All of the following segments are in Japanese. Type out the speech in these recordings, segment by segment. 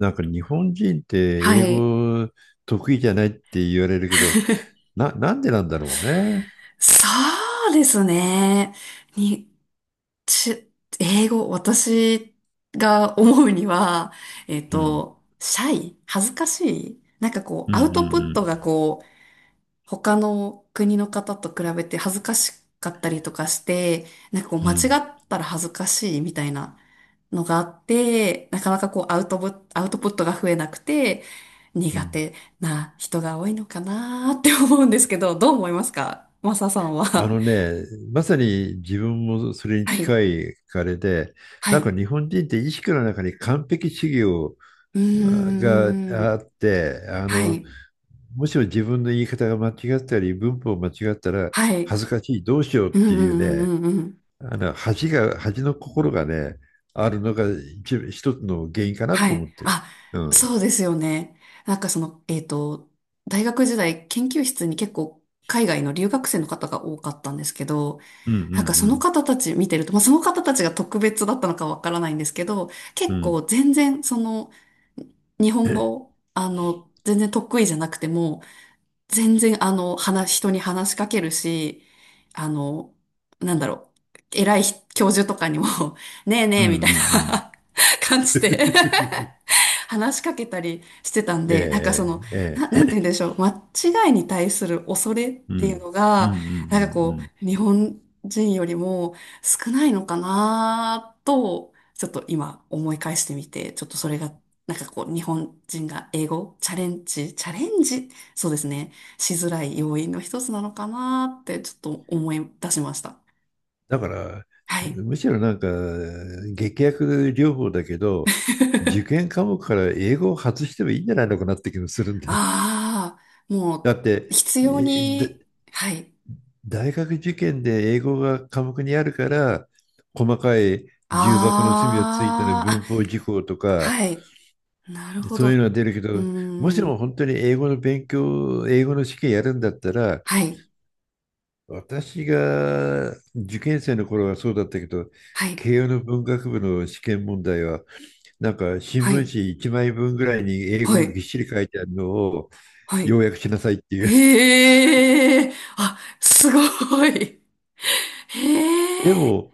なんか日本人っては英い。語得意じゃないって言われるけど、なんでなんだろうね。そうですね。に、ち、英語、私が思うには、うん。シャイ、恥ずかしい、なんかこうう、んうアウトプットんがこう、他の国の方と比べて恥ずかしかったりとかして、なんかこううん間う違んったら恥ずかしいみたいなのがあって、なかなかこうアウトプットが増えなくて、う苦ん。手な人が多いのかなーって思うんですけど、どう思いますかマサさんあは。の ね、まさに自分もそれにはい。近いあれで、はなんかい。日本人って意識の中に完璧主義をうーん。あって、はい。もしも自分の言い方が間違ったり、文法を間違ったらはい。うん恥ずかしい、どうしようっうていうんね、うんうん。あの恥の心がね、あるのが一つの原因かなはと思っい。てる。あ、うん。そうですよね。なんかその、大学時代、研究室に結構海外の留学生の方が多かったんですけど、うんうんうなんかそのん方たち見てると、まあその方たちが特別だったのかわからないんですけど、う結ん構全然その日本語、あの、全然得意じゃなくても、全然あの、人に話しかけるし、あの、なんだろ偉い教授とかにも、ねえねうんえみたいうんな うん。 感じで 話しかけたりしてたんで、なんかそえの、え、ええ。えなんてえ。言うんでしょう、間違いに対する恐れっうていうんのうんうんうが、なんかんうこん。う、日本人よりも少ないのかなと、ちょっと今思い返してみて、ちょっとそれが、なんかこう、日本人が英語、チャレンジ、そうですね、しづらい要因の一つなのかなって、ちょっと思い出しました。だから、はい。むしろなんか、劇薬療法だけど、受 験科目から英語を外してもいいんじゃないのかなって気もするんで。ああ、だもっう、て、必要えだに、はい。大学受験で英語が科目にあるから、細かい重箱の隅をついてのああ、文あ、法事項とか、はい。なるほそういうのど。は出るけうど、もしーもん。本当に英語の試験やるんだったら、はい。私が受験生の頃はそうだったけど、はい。慶応の文学部の試験問題は、なんか新聞はい。紙1枚分ぐらいに英は語がぎっい。しり書いてあるのをはい。要約しなさいっていう。へえ。あ、すごい。へでえ。も、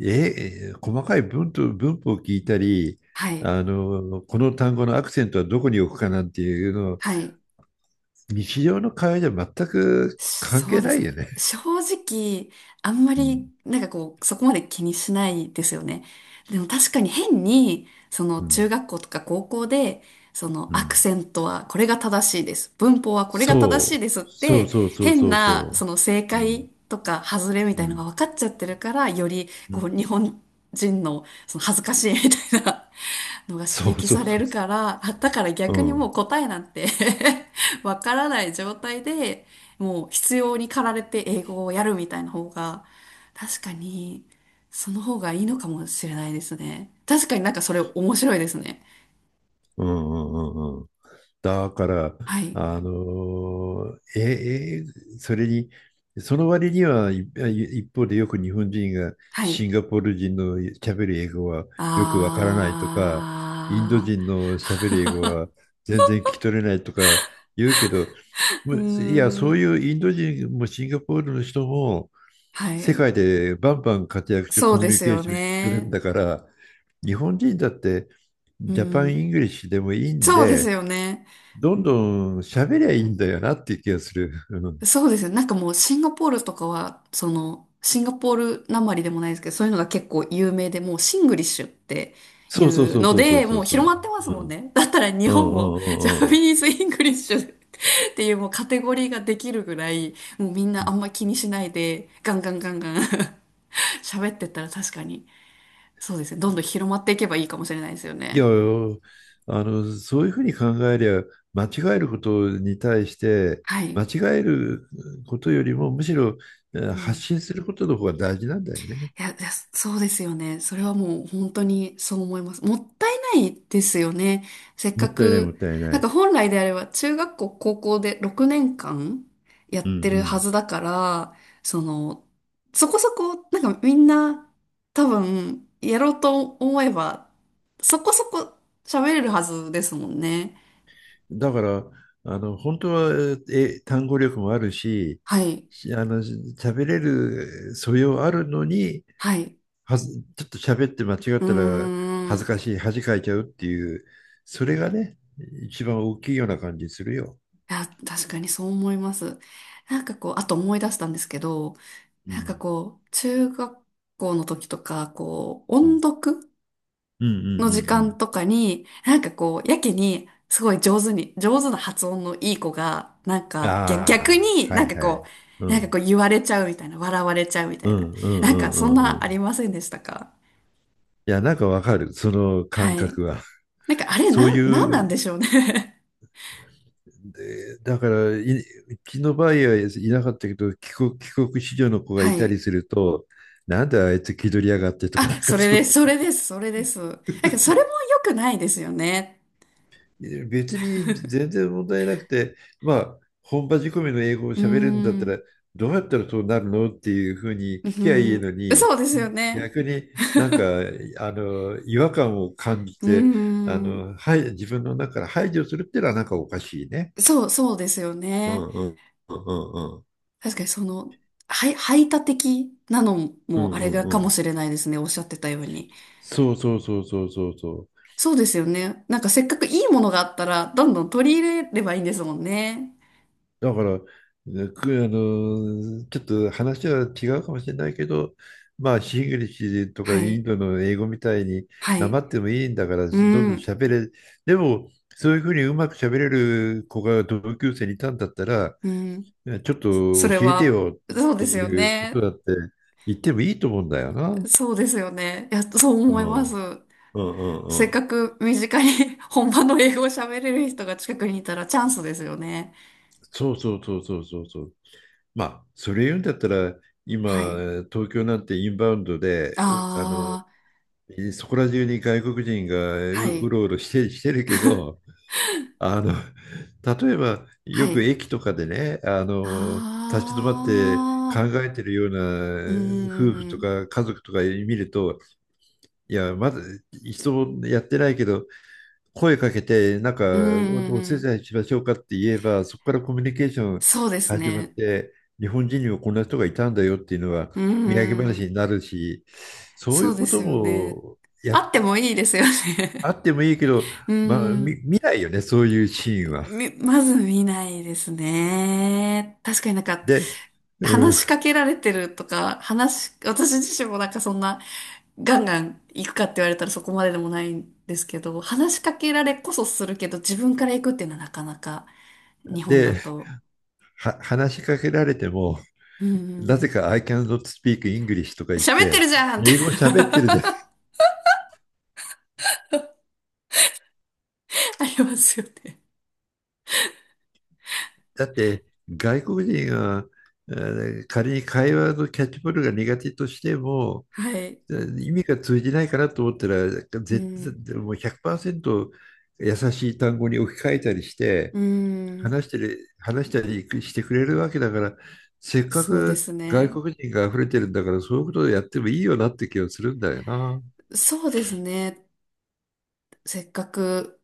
細かい文と文法を聞いたり、はい。この単語のアクセントはどこに置くかなんていうのを、はい。日常の会話じゃ全く関そ係うでなすいよね。ね。正直、あんまうり、ん、なんかこう、そこまで気にしないですよね。でも確かに変に、そのう中ん、学校とか高校で、そのうアクん。セントはこれが正しいです。文法はこれがそ正しいう、ですっそうて、そうそう変そうな、そその正う。う解ん、とか外れみうたいなのん、が分かっちゃってるから、より、うこん。う、日本人の、その恥ずかしいみたいなのが刺そう激そさうれそうるそから、あ、だからう。う逆にもうん、答えなんて わからない状態で、もう必要に駆られて英語をやるみたいな方が、確かに、その方がいいのかもしれないですね。確かになんかそれ面白いですね。うん、うん、うん。うん。だから、はい。それに、その割には、いい一方でよく日本人がはシい。ンガポール人の喋る英語はよくわからないとか、インドあ人の喋る英語は全然聞き取れないとか言うけど、ー。うーいや、そういん。うインド人もシンガポールの人もは世い。界でバンバン活躍してそうコミでュニすケーよションやってるんね。だから、日本人だってうジャパン・ん。イングリッシュでもいいんそうですで、よね。どんどん喋りゃいいんだよなっていう気がする。うん。そうですよ。なんかもうシンガポールとかは、その、シンガポールなまりでもないですけど、そういうのが結構有名で、もうシングリッシュっていそうそううそうのそうそうで、そもううそ広う。まってますうもんん。ね。だったら日うん本うもジャパんうんニーズ・イングリッシュっていうもうカテゴリーができるぐらい、もうみんうなあん。んま気にしないで、ガンガンガンガン 喋ってったら確かに、そうですね。どんどん広まっていけばいいかもしれないですよいや、ね。そういうふうに考えりゃ、間違えることに対して、は間い。違えることよりも、むしろう発ん。信することの方が大事なんだよね。いや、いやそうですよね。それはもう本当にそう思います。もったいないですよね。せっもかったいない、もっく、たいななんかい。本来であれば中学校、高校で6年間やっうてるはんずだから、その、そこそこ、なんかみんな多分やろうと思えば、そこそこ喋れるはずですもんね。うん。だから、本当は、単語力もあるし、はい。喋れる素養あるのに、はい。はず、ちょっと喋って間違っうーたら恥ずん。かしい、恥かいちゃうっていう、それがね、一番大きいような感じするよ。いや、確かにそう思います。なんかこう、あと思い出したんですけど、うなんかん。こう、中学校の時とか、こう、う音ん。読うんうんうの時間んとかに、なんかこう、やけに、すごい上手に、上手な発音のいい子が、なんうん。か、逆あにあ、はなんいかはこい。うう、なんかん。こう言われちゃうみたいな、笑われちゃうみたういな。んうんなうんかんうそんんうなあん。りませんでしたか。いや、なんかわかる、そのは感い。覚は。なんかあれ、そういなんなんでう、しょうね。 でだから、うちの場合はいなかったけど、帰国子女の子がはいたい。りすると、なんであいつ気取りやがってとか、なあ、んかそれそでう、す、それです、それです。だからそれも良くないですよね。別に全然問題なくて、まあ、本場仕込みの英語をうー喋れるんだったら、ん、どうやったらそうなるのっていうふうに聞うーきゃいいん、のに、そうですよね。逆になんか、違和感を感じうーて、ん、はい自分の中から排除するっていうのはなんかおかしいね。そう、そうですようね。んうんうんうん確かにその、はい排他的なのうもあんうれんがうんかうもん。しれないですね。おっしゃってたように。そうそうそうそうそうそう。そうですよね。なんかせっかくいいものがあったら、どんどん取り入れればいいんですもんね。だから、ねくあの、ちょっと話は違うかもしれないけど、まあ、シングリッシュとはかインい、ドの英語みたいに、はなまい。ってもいいんだから、どうんどんん、喋れ。でも、そういうふうにうまく喋れる子が同級生にいたんだったら、うん。ちょっそと教れえては、よっそうてですよいうことね。だって言ってもいいと思うんだよな。そうですよね。いや、そうう思いまん。うす。んうんうせっん。かく身近に 本場の英語を喋れる人が近くにいたらチャンスですよね。そうそうそうそうそうそう。まあ、それ言うんだったら、は今、い。東京なんてインバウンドで、おあの、あそこら中に外国人がう、あ、はうい。ろうろしてるけど、あの、例えばよはくい。駅とかでね、立ち止まって考ああ、えてるよううーな夫婦とん。か家族とか見ると、いや、まだ一度もやってないけど、声かけて、なんか、うーお手ん。伝いしましょうかって言えば、そこからコミュニケーションそうです始まっね。て、日本人にもこんな人がいたんだよっていうのは、う土産ー話ん。になるし、そういそううでことすよね。も、あってもいいですよあね。ってもいいけど、うまあ、ー見、ん。見ないよね、そういうシーンは。み、まず見ないですね。確かになんか、で、うん、話しかけられてるとか、話、私自身もなんかそんな、ガンガン行くかって言われたらそこまででもないんですけど、話しかけられこそするけど、自分から行くっていうのはなかなか、日本だで、と。話しかけられても、うんうなん。ぜか I cannot speak English とか言っ喋ってて、るじゃんって。 英語喋ってるじゃん。ありますよね。だって、外国人が、え仮に会話のキャッチボールが苦手としても、はい。意味が通じないかなと思ったら、う絶ん。対もう100%優しい単語に置き換えたりして、うん。話したりしてくれるわけだから、せっかそうでくす外ね。国人が溢れてるんだから、そういうことをやってもいいよなって気がするんだよな。そうですね。せっかく、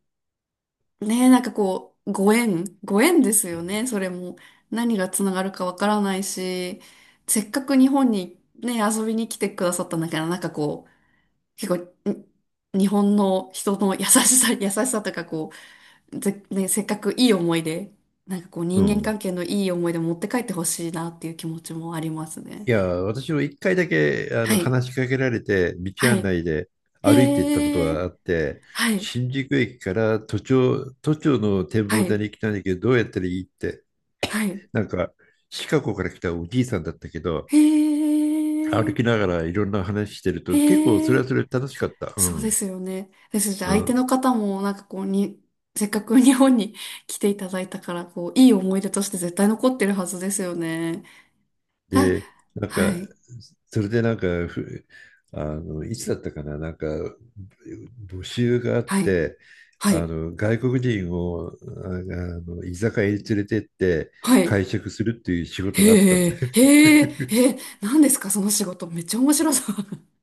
ねえ、なんかこう、ご縁ですうよん。ね、それも。何がつながるかわからないし、せっかく日本にね、遊びに来てくださったんだから、なんかこう、結構、に日本の人の優しさとかこう、せっかくいい思い出、なんかこう、う人間ん。関係のいい思い出持って帰ってほしいなっていう気持ちもありますね。いや、私も一回だけはい、話しかけられて、道は案い、内で歩いて行ったことへえ、があって、はい、新宿駅から都庁の展は望台い、に来たんだけど、どうやったらいいって、はい、なんか、シカゴから来たおじいさんだったけど、へ歩え、きながらいろんな話してると、結構そへれはえ。それで楽しかった。うそうでん。すよね。ですし、う相手のん。方もなんかこうに、せっかく日本に来ていただいたから、こう、いい思い出として絶対残ってるはずですよね。あ、で、なんはか、い、ふあの、いつだったかな、なんか、募集があっはい、て、はい、外国人を、あ居酒屋に連れてってはい。会食するっていう仕事があったんへだよ。え、へえ、へえ、何ですかその仕事。めっちゃ面白そう。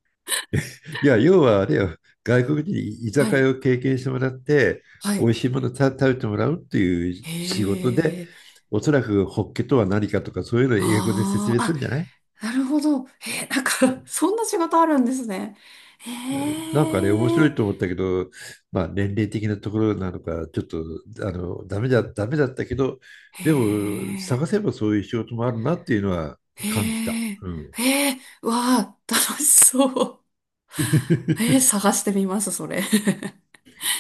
いや、要はあれよ、外国人に居 は酒い、屋を経験してもらって、は美い。味しいもの食べてもらうっていう仕事へで、え、おそらくホッケとは何かとか、そういうのを英語で説あ明あ、するんじゃない。あ、なるほど。へえ、なんか、そんな仕事あるんですね。へなんかね、面白いとえ、思ったけど、まあ年齢的なところなのか、ちょっと、ダメだったけど、へでも、え。探せばそういう仕事もあるなっていうのはへ感じた。え、うん。へえ、わあ、楽しそう。へえー、探してみます、それ。へ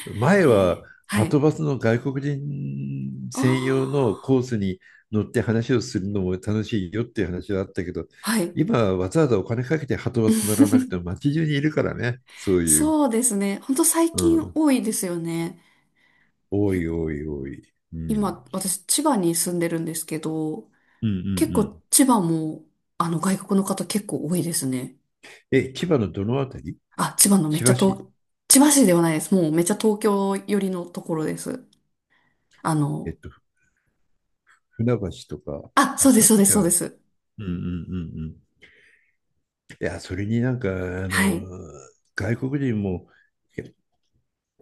前は、え、ははい。とバスの外国人専用のコあースに乗って話をするのも楽しいよっていう話はあったけど、あ、はい。今、わざわざお金かけてはとバス乗らなくても 街中にいるからね、そういう。そうですね。ほんと最う近ん。多いですよね。多い、け多い、多い。うん。今、私、千葉に住んでるんですけど、うん、う結ん、構千葉も、あの、外国の方結構多いですね。え、千葉のどのあたり？あ、千葉のめっ千ちゃ葉市？東、千葉市ではないです。もうめっちゃ東京寄りのところです。あえっの、と、船橋とか。あ、あ、そうです、そう船です、橋そは、うです。うんうんうんうん。いや、それになんか、はい。外国人も、え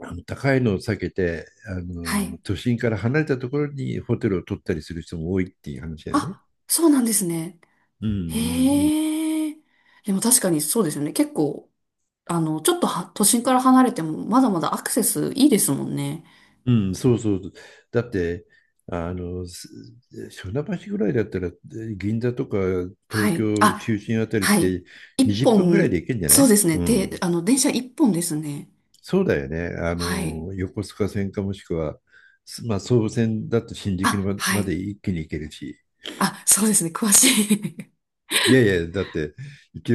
あの高いのを避けて、はい。都心から離れたところにホテルを取ったりする人も多いっていう話だよね。あ、そうなんですね。うんうんへえ。でも確かにそうですよね。結構、あの、ちょっとは都心から離れても、まだまだアクセスいいですもんね。うん、うんそうそう。だって、あの、す船橋ぐらいだったら、銀座とかは東い。京中あ、心あたりっはい。て一20分ぐらいで本、行けんじゃなそうい？ですね。うで、ん。あの、電車一本ですね。そうだよね。はい。横須賀線かもしくは、まあ、総武線だと新宿にあ、はまでい。一気に行けるし。あ、そうですね。詳しい。いやいや、だって、一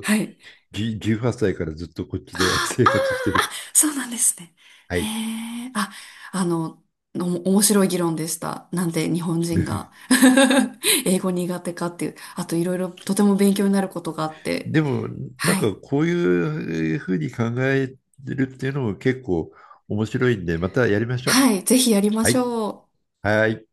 はい。18歳からずっとこっちで あ生活してるから。そうなんですね。はへい。え、あ、あの、面白い議論でした。なんで日本人が 英語苦手かっていう、あといろいろとても勉強になることがあって。でも、なんはい。かこういうふうに考えてるっていうのも結構面白いんで、またやりましょう。はい、ぜひやりまはしい。ょう。はい。